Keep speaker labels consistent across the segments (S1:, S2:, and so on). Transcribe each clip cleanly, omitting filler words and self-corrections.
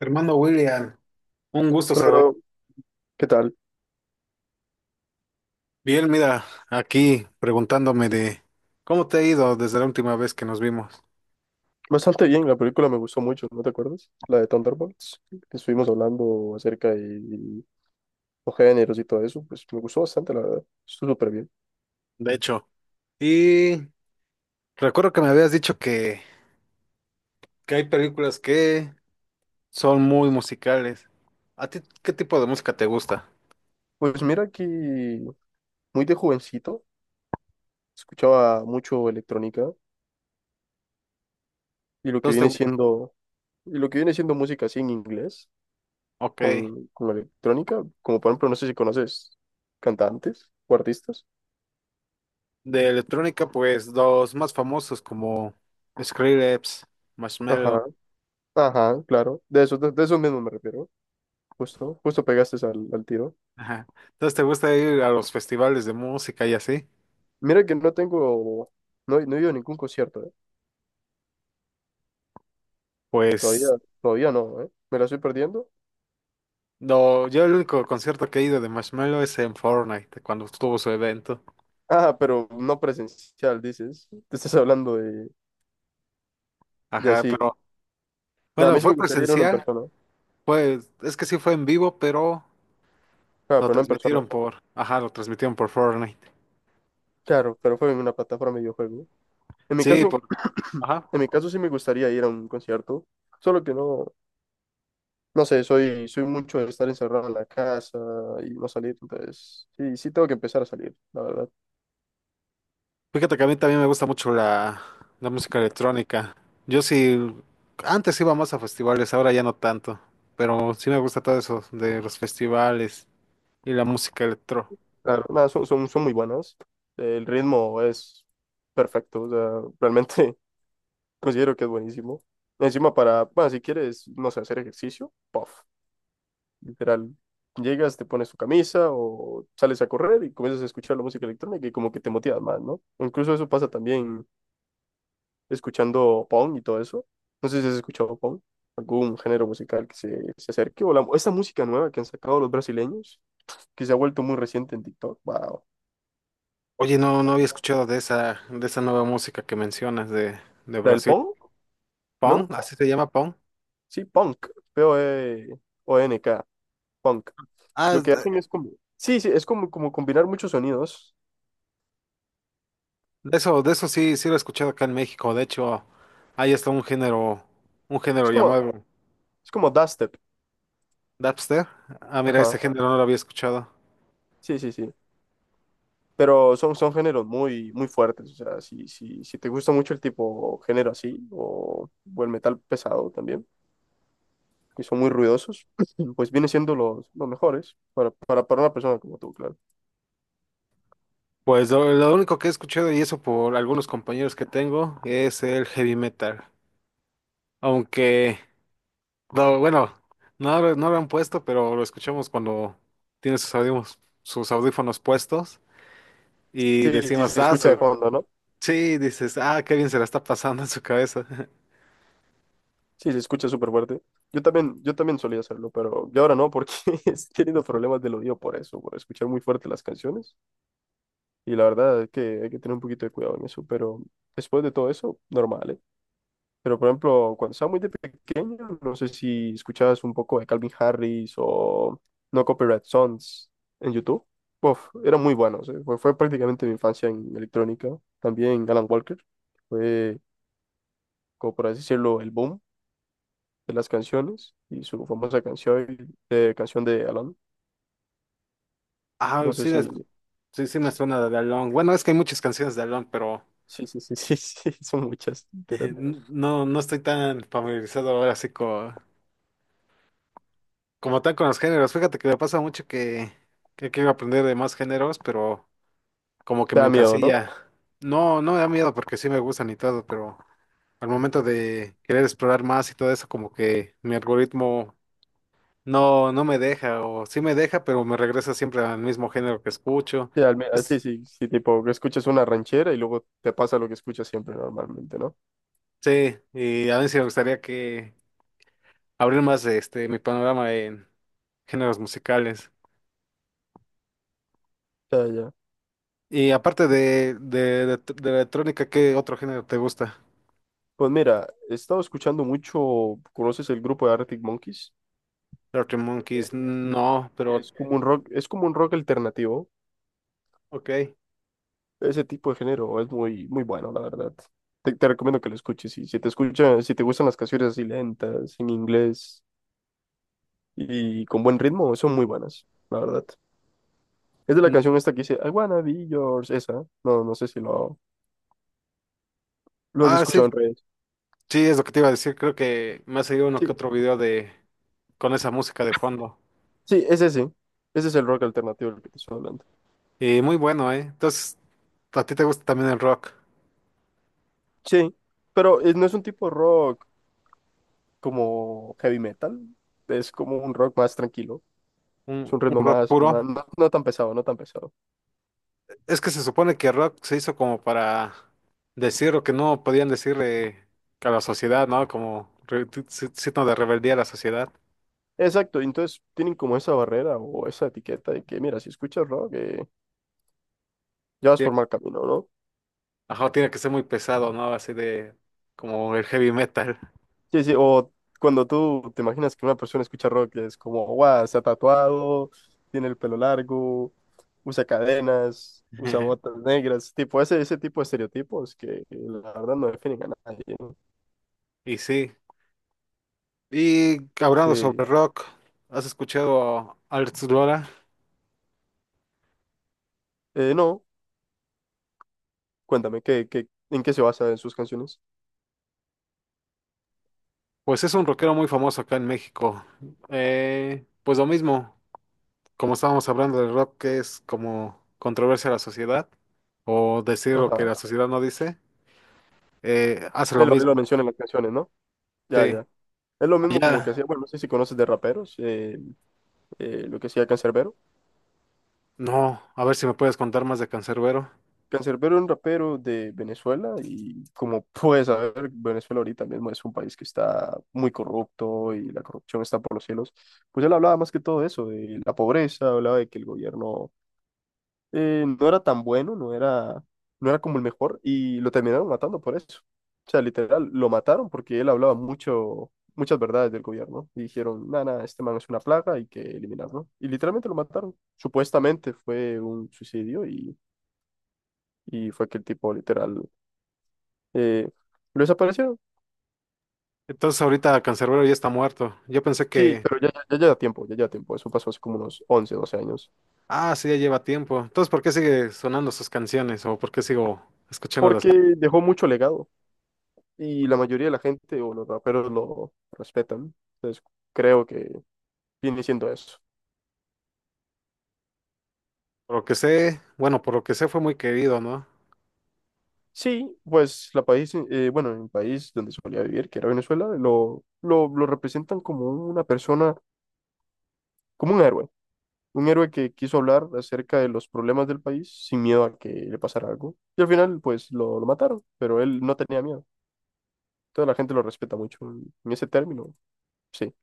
S1: Hermano William, un gusto saludar.
S2: Claro, ¿qué tal?
S1: Bien, mira, aquí preguntándome de cómo te ha ido desde la última vez que nos vimos.
S2: Bastante bien, la película me gustó mucho, ¿no te acuerdas? La de Thunderbolts, que estuvimos hablando acerca de los géneros y todo eso, pues me gustó bastante, la verdad, estuvo súper bien.
S1: De hecho, y recuerdo que me habías dicho que hay películas que son muy musicales. ¿A ti qué tipo de música te gusta?
S2: Pues mira que muy de jovencito, escuchaba mucho electrónica y lo que
S1: Entonces,
S2: viene siendo, y lo que viene siendo música así en inglés,
S1: ok,
S2: con electrónica, como por ejemplo, no sé si conoces cantantes o artistas.
S1: de electrónica, pues los más famosos como Skrillex, Marshmello.
S2: Ajá, ajá, claro, de eso, de eso mismo me refiero, justo, justo pegaste al tiro.
S1: Ajá. Entonces, ¿te gusta ir a los festivales de música y así?
S2: Mira que no tengo, no, he- No he ido a ningún concierto, ¿eh? Todavía,
S1: Pues
S2: todavía no, ¿eh? Me la estoy perdiendo.
S1: no, yo el único concierto que he ido de Marshmello es en Fortnite, cuando estuvo su evento.
S2: Ah, pero no presencial, dices. Te estás hablando de, de
S1: Ajá,
S2: así.
S1: pero
S2: No, a
S1: bueno,
S2: mí sí
S1: fue
S2: me gustaría ir a uno en
S1: presencial,
S2: persona.
S1: pues es que sí fue en vivo, pero
S2: Ah, pero no en persona.
S1: ajá, lo transmitieron por Fortnite.
S2: Claro, pero fue en una plataforma de videojuego. En mi
S1: Sí,
S2: caso,
S1: por, ajá.
S2: en mi caso sí me gustaría ir a un concierto. Solo que no sé, soy mucho de estar encerrado en la casa y no salir. Entonces, sí tengo que empezar a salir, la verdad.
S1: Fíjate que a mí también me gusta mucho la música electrónica. Yo sí, antes iba más a festivales, ahora ya no tanto, pero sí me gusta todo eso de los festivales y la música electro.
S2: Claro, nada, son muy buenas. El ritmo es perfecto, o sea, realmente considero que es buenísimo. Encima para, bueno, si quieres, no sé, hacer ejercicio, puff, literal. Llegas, te pones tu camisa o sales a correr y comienzas a escuchar la música electrónica y como que te motivas más, ¿no? Incluso eso pasa también escuchando Pong y todo eso. No sé si has escuchado Pong, algún género musical que se acerque o la, esta música nueva que han sacado los brasileños, que se ha vuelto muy reciente en TikTok, wow.
S1: Oye, no, no había escuchado de esa nueva música que mencionas de
S2: La del
S1: Brasil.
S2: Pong,
S1: Pong,
S2: ¿no?
S1: así se llama Pong.
S2: Sí, punk, PONK, punk.
S1: Ah,
S2: Lo
S1: es
S2: que
S1: de,
S2: hacen es como, sí, sí, es como, como combinar muchos sonidos.
S1: de eso sí, sí lo he escuchado acá en México. De hecho, ahí está un
S2: Es
S1: género
S2: como,
S1: llamado
S2: es como dubstep,
S1: Dapster. Ah, mira, ese
S2: ajá,
S1: género no lo había escuchado.
S2: sí, sí, sí. Pero son géneros muy, muy fuertes, o sea, si te gusta mucho el tipo género así, o el metal pesado también, que son muy ruidosos, pues viene siendo los mejores para una persona como tú, claro.
S1: Pues lo único que he escuchado, y eso por algunos compañeros que tengo, es el heavy metal. Aunque, no, bueno, no, no lo han puesto, pero lo escuchamos cuando tiene sus audífonos puestos y
S2: Sí, sí,
S1: decimos,
S2: se
S1: ah,
S2: escucha de fondo, ¿no?
S1: sí, dices, ah, qué bien se la está pasando en su cabeza.
S2: Sí, se escucha súper fuerte. Yo también solía hacerlo, pero yo ahora no, porque he tenido problemas del oído por eso, por escuchar muy fuerte las canciones. Y la verdad es que hay que tener un poquito de cuidado en eso, pero después de todo eso, normal, ¿eh? Pero por ejemplo, cuando estaba muy de pequeño, no sé si escuchabas un poco de Calvin Harris o No Copyright Songs en YouTube. Uf, eran muy buenos, ¿eh? Fue prácticamente mi infancia en electrónica. También Alan Walker, fue, como por así decirlo, el boom de las canciones y su famosa canción, canción de Alan.
S1: Ah,
S2: No sé
S1: sí, la-
S2: si,
S1: Sí, sí me suena de Alone. Bueno, es que hay muchas canciones de Alone, pero
S2: sí, sí, sí, sí, sí, son muchas, literal.
S1: no, no estoy tan familiarizado ahora así como tal con los géneros. Fíjate que me pasa mucho que quiero aprender de más géneros, pero como que
S2: Te
S1: me
S2: da miedo, ¿no?
S1: encasilla. No, no me da miedo porque sí me gustan y todo, pero al momento de querer explorar más y todo eso, como que mi algoritmo no me deja, o sí me deja, pero me regresa siempre al mismo género que escucho.
S2: Sí, al me- ah, sí,
S1: Pues,
S2: sí, sí, tipo, que escuchas una ranchera y luego te pasa lo que escuchas siempre normalmente, ¿no?
S1: sí, y a mí sí me gustaría que abrir más de este mi panorama en géneros musicales.
S2: Ya, ya.
S1: Y aparte de electrónica, ¿qué otro género te gusta?
S2: Pues mira, he estado escuchando mucho, ¿conoces el grupo de Arctic Monkeys?
S1: Arctic Monkeys,
S2: Eh,
S1: no, pero
S2: Es como un rock, es como un rock alternativo.
S1: ok.
S2: Ese tipo de género es muy, muy bueno, la verdad. Te recomiendo que lo escuches. Y si te escucha, si te gustan las canciones así lentas, en inglés, y con buen ritmo, son muy buenas, la verdad. Es de la
S1: Mm,
S2: canción esta que dice, I wanna be yours, esa. No no sé si lo has
S1: ah, sí,
S2: escuchado en redes.
S1: sí, es lo que te iba a decir. Creo que me ha seguido uno que
S2: Sí,
S1: otro video de con esa música de fondo.
S2: sí, es ese. Ese es el rock alternativo del que te estoy hablando.
S1: Y muy bueno, ¿eh? Entonces, ¿a ti te gusta también el rock?
S2: Sí, pero no es un tipo de rock como heavy metal, es como un rock más tranquilo. Es un
S1: Un
S2: ritmo
S1: rock puro?
S2: no, no tan pesado, no tan pesado.
S1: Es que se supone que Rock se hizo como para decir lo que no podían decirle a la sociedad, ¿no? Como signo de rebeldía a la sociedad.
S2: Exacto, y entonces tienen como esa barrera o esa etiqueta de que, mira, si escuchas rock, ya vas
S1: Tie-
S2: por mal camino, ¿no?
S1: Ajá, tiene que ser muy pesado, ¿no? Así de como el heavy metal.
S2: Sí, sí, o cuando tú te imaginas que una persona escucha rock, es como, guau, se ha tatuado, tiene el pelo largo, usa cadenas, usa botas negras, tipo, ese tipo de estereotipos que la verdad no definen a nadie, ¿no?
S1: Y sí. Y hablando sobre
S2: Sí.
S1: rock, ¿has escuchado a Alex Lora?
S2: No, cuéntame, ¿qué, qué, en qué se basa en sus canciones?
S1: Pues es un rockero muy famoso acá en México. Pues lo mismo, como estábamos hablando del rock, que es como controversia a la sociedad, o decir lo que
S2: Ajá,
S1: la sociedad no dice. Hace lo
S2: él lo
S1: mismo.
S2: menciona en las canciones, ¿no? Ya,
S1: Sí.
S2: ya. Es lo mismo como que
S1: Allá,
S2: hacía, bueno, no sé si conoces de raperos, lo que hacía Canserbero.
S1: no, a ver si me puedes contar más de Cancerbero.
S2: Canserbero es un rapero de Venezuela y como puedes saber, Venezuela ahorita mismo es un país que está muy corrupto y la corrupción está por los cielos. Pues él hablaba más que todo eso, de la pobreza, hablaba de que el gobierno no era tan bueno, no era como el mejor y lo terminaron matando por eso. O sea, literal, lo mataron porque él hablaba mucho, muchas verdades del gobierno y dijeron, nada, nada, este man es una plaga, hay que eliminarlo. Y literalmente lo mataron. Supuestamente fue un suicidio y... Y fue que el tipo literal eh, ¿lo desaparecieron?
S1: Entonces ahorita Cancerbero ya está muerto. Yo pensé
S2: Sí, pero ya lleva tiempo, ya lleva tiempo. Eso pasó hace como unos 11 12 años.
S1: ah, sí, ya lleva tiempo. Entonces, ¿por qué sigue sonando sus canciones? ¿O por qué sigo escuchando las
S2: Porque
S1: canciones?
S2: dejó mucho legado y la mayoría de la gente o los raperos lo respetan. Entonces, creo que viene siendo eso.
S1: Por lo que sé, bueno, por lo que sé fue muy querido, ¿no?
S2: Sí, pues la país, bueno, en el país donde solía vivir, que era Venezuela, lo representan como una persona, como un héroe. Un héroe que quiso hablar acerca de los problemas del país sin miedo a que le pasara algo. Y al final, pues lo mataron, pero él no tenía miedo. Toda la gente lo respeta mucho en ese término, sí.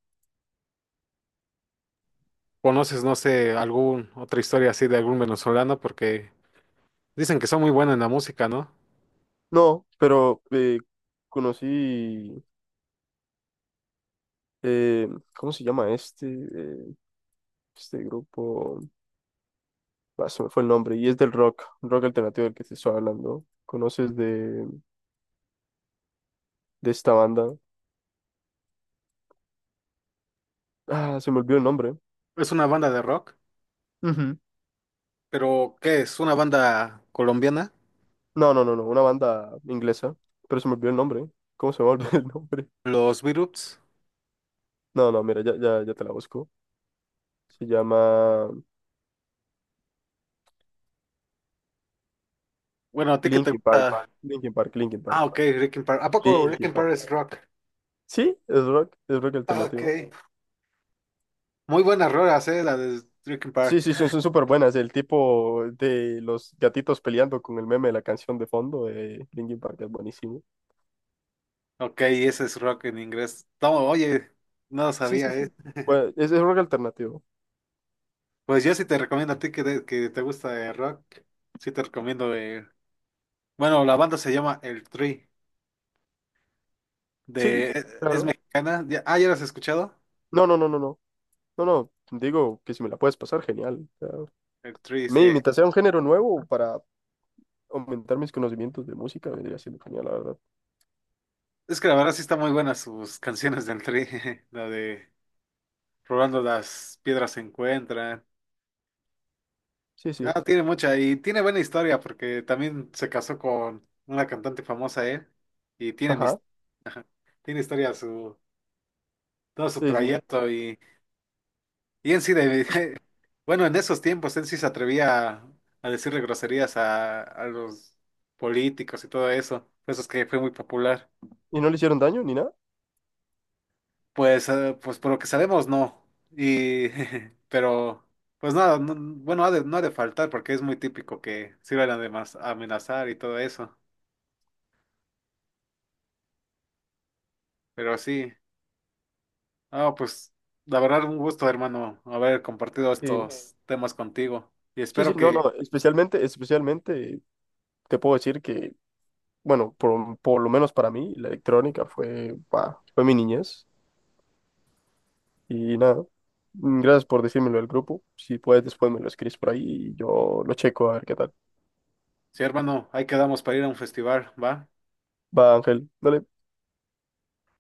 S1: ¿Conoces, no sé, algún otra historia así de algún venezolano? Porque dicen que son muy buenos en la música, ¿no?
S2: No, pero conocí, eh, ¿cómo se llama este? Este grupo, ah, se me fue el nombre, y es del rock, rock alternativo del que te estoy hablando. ¿Conoces de esta banda? Ah, se me olvidó el nombre.
S1: Es una banda de rock,
S2: Ujú.
S1: pero ¿qué es? ¿Una banda colombiana?
S2: No, una banda inglesa, pero se me olvidó el nombre. ¿Cómo se me olvidó el nombre?
S1: Los Viruts.
S2: No, no, mira, ya te la busco. Se llama
S1: Bueno, ¿a ti qué te gusta?
S2: Linkin
S1: Ah,
S2: Park.
S1: ok, Rick and Park. ¿A poco Rick
S2: Linkin
S1: and
S2: Park.
S1: Park es rock?
S2: Sí, es rock
S1: Ah, ok.
S2: alternativo.
S1: Muy buenas rolas, la de Rick and
S2: Sí,
S1: Park.
S2: sí, son, son súper buenas. El tipo de los gatitos peleando con el meme de la canción de fondo de Linkin Park es buenísimo.
S1: Ok, ese es rock en inglés. No, oye, no lo
S2: Sí, sí,
S1: sabía, eh.
S2: sí. Bueno, es rock alternativo.
S1: Pues yo sí te recomiendo a ti que te gusta el rock. Sí te recomiendo. Eh, bueno, la banda se llama El Tri. De...
S2: Sí,
S1: Es
S2: claro.
S1: mexicana. Ah, ¿ya las has escuchado?
S2: No, no, no, no, no. No, no. Digo que si me la puedes pasar, genial. Claro.
S1: El Tri
S2: Mi
S1: sí.
S2: imitación a un género nuevo para aumentar mis conocimientos de música vendría siendo genial, la verdad.
S1: Es que la verdad sí está muy buena sus canciones del Tri. La de Robando las piedras se encuentran.
S2: Sí, sí.
S1: Ah, tiene mucha y tiene buena historia porque también se casó con una cantante famosa, ¿eh? Y tienen, his-
S2: Ajá.
S1: ajá, tiene historia su, todo su
S2: Sí, sí.
S1: trayecto y en sí, de, bueno, en esos tiempos en sí se atrevía a decirle groserías a los políticos y todo eso, por eso es que fue muy popular.
S2: ¿Y no le hicieron daño ni nada?
S1: Pues, pues por lo que sabemos, no. Y, pero, pues nada, no ha de faltar porque es muy típico que sirvan además a amenazar y todo eso, pero sí. Ah, pues la verdad un gusto, hermano, haber compartido
S2: Sí,
S1: estos temas contigo. Y
S2: sí, sí.
S1: espero
S2: No,
S1: que,
S2: no. Especialmente, especialmente te puedo decir que bueno, por lo menos para mí, la electrónica fue, bah, fue mi niñez. Y nada, mm, gracias por decírmelo del grupo. Si puedes, después me lo escribes por ahí y yo lo checo a ver qué tal.
S1: sí, hermano, ahí quedamos para ir a un festival, ¿va?
S2: Va, Ángel, dale.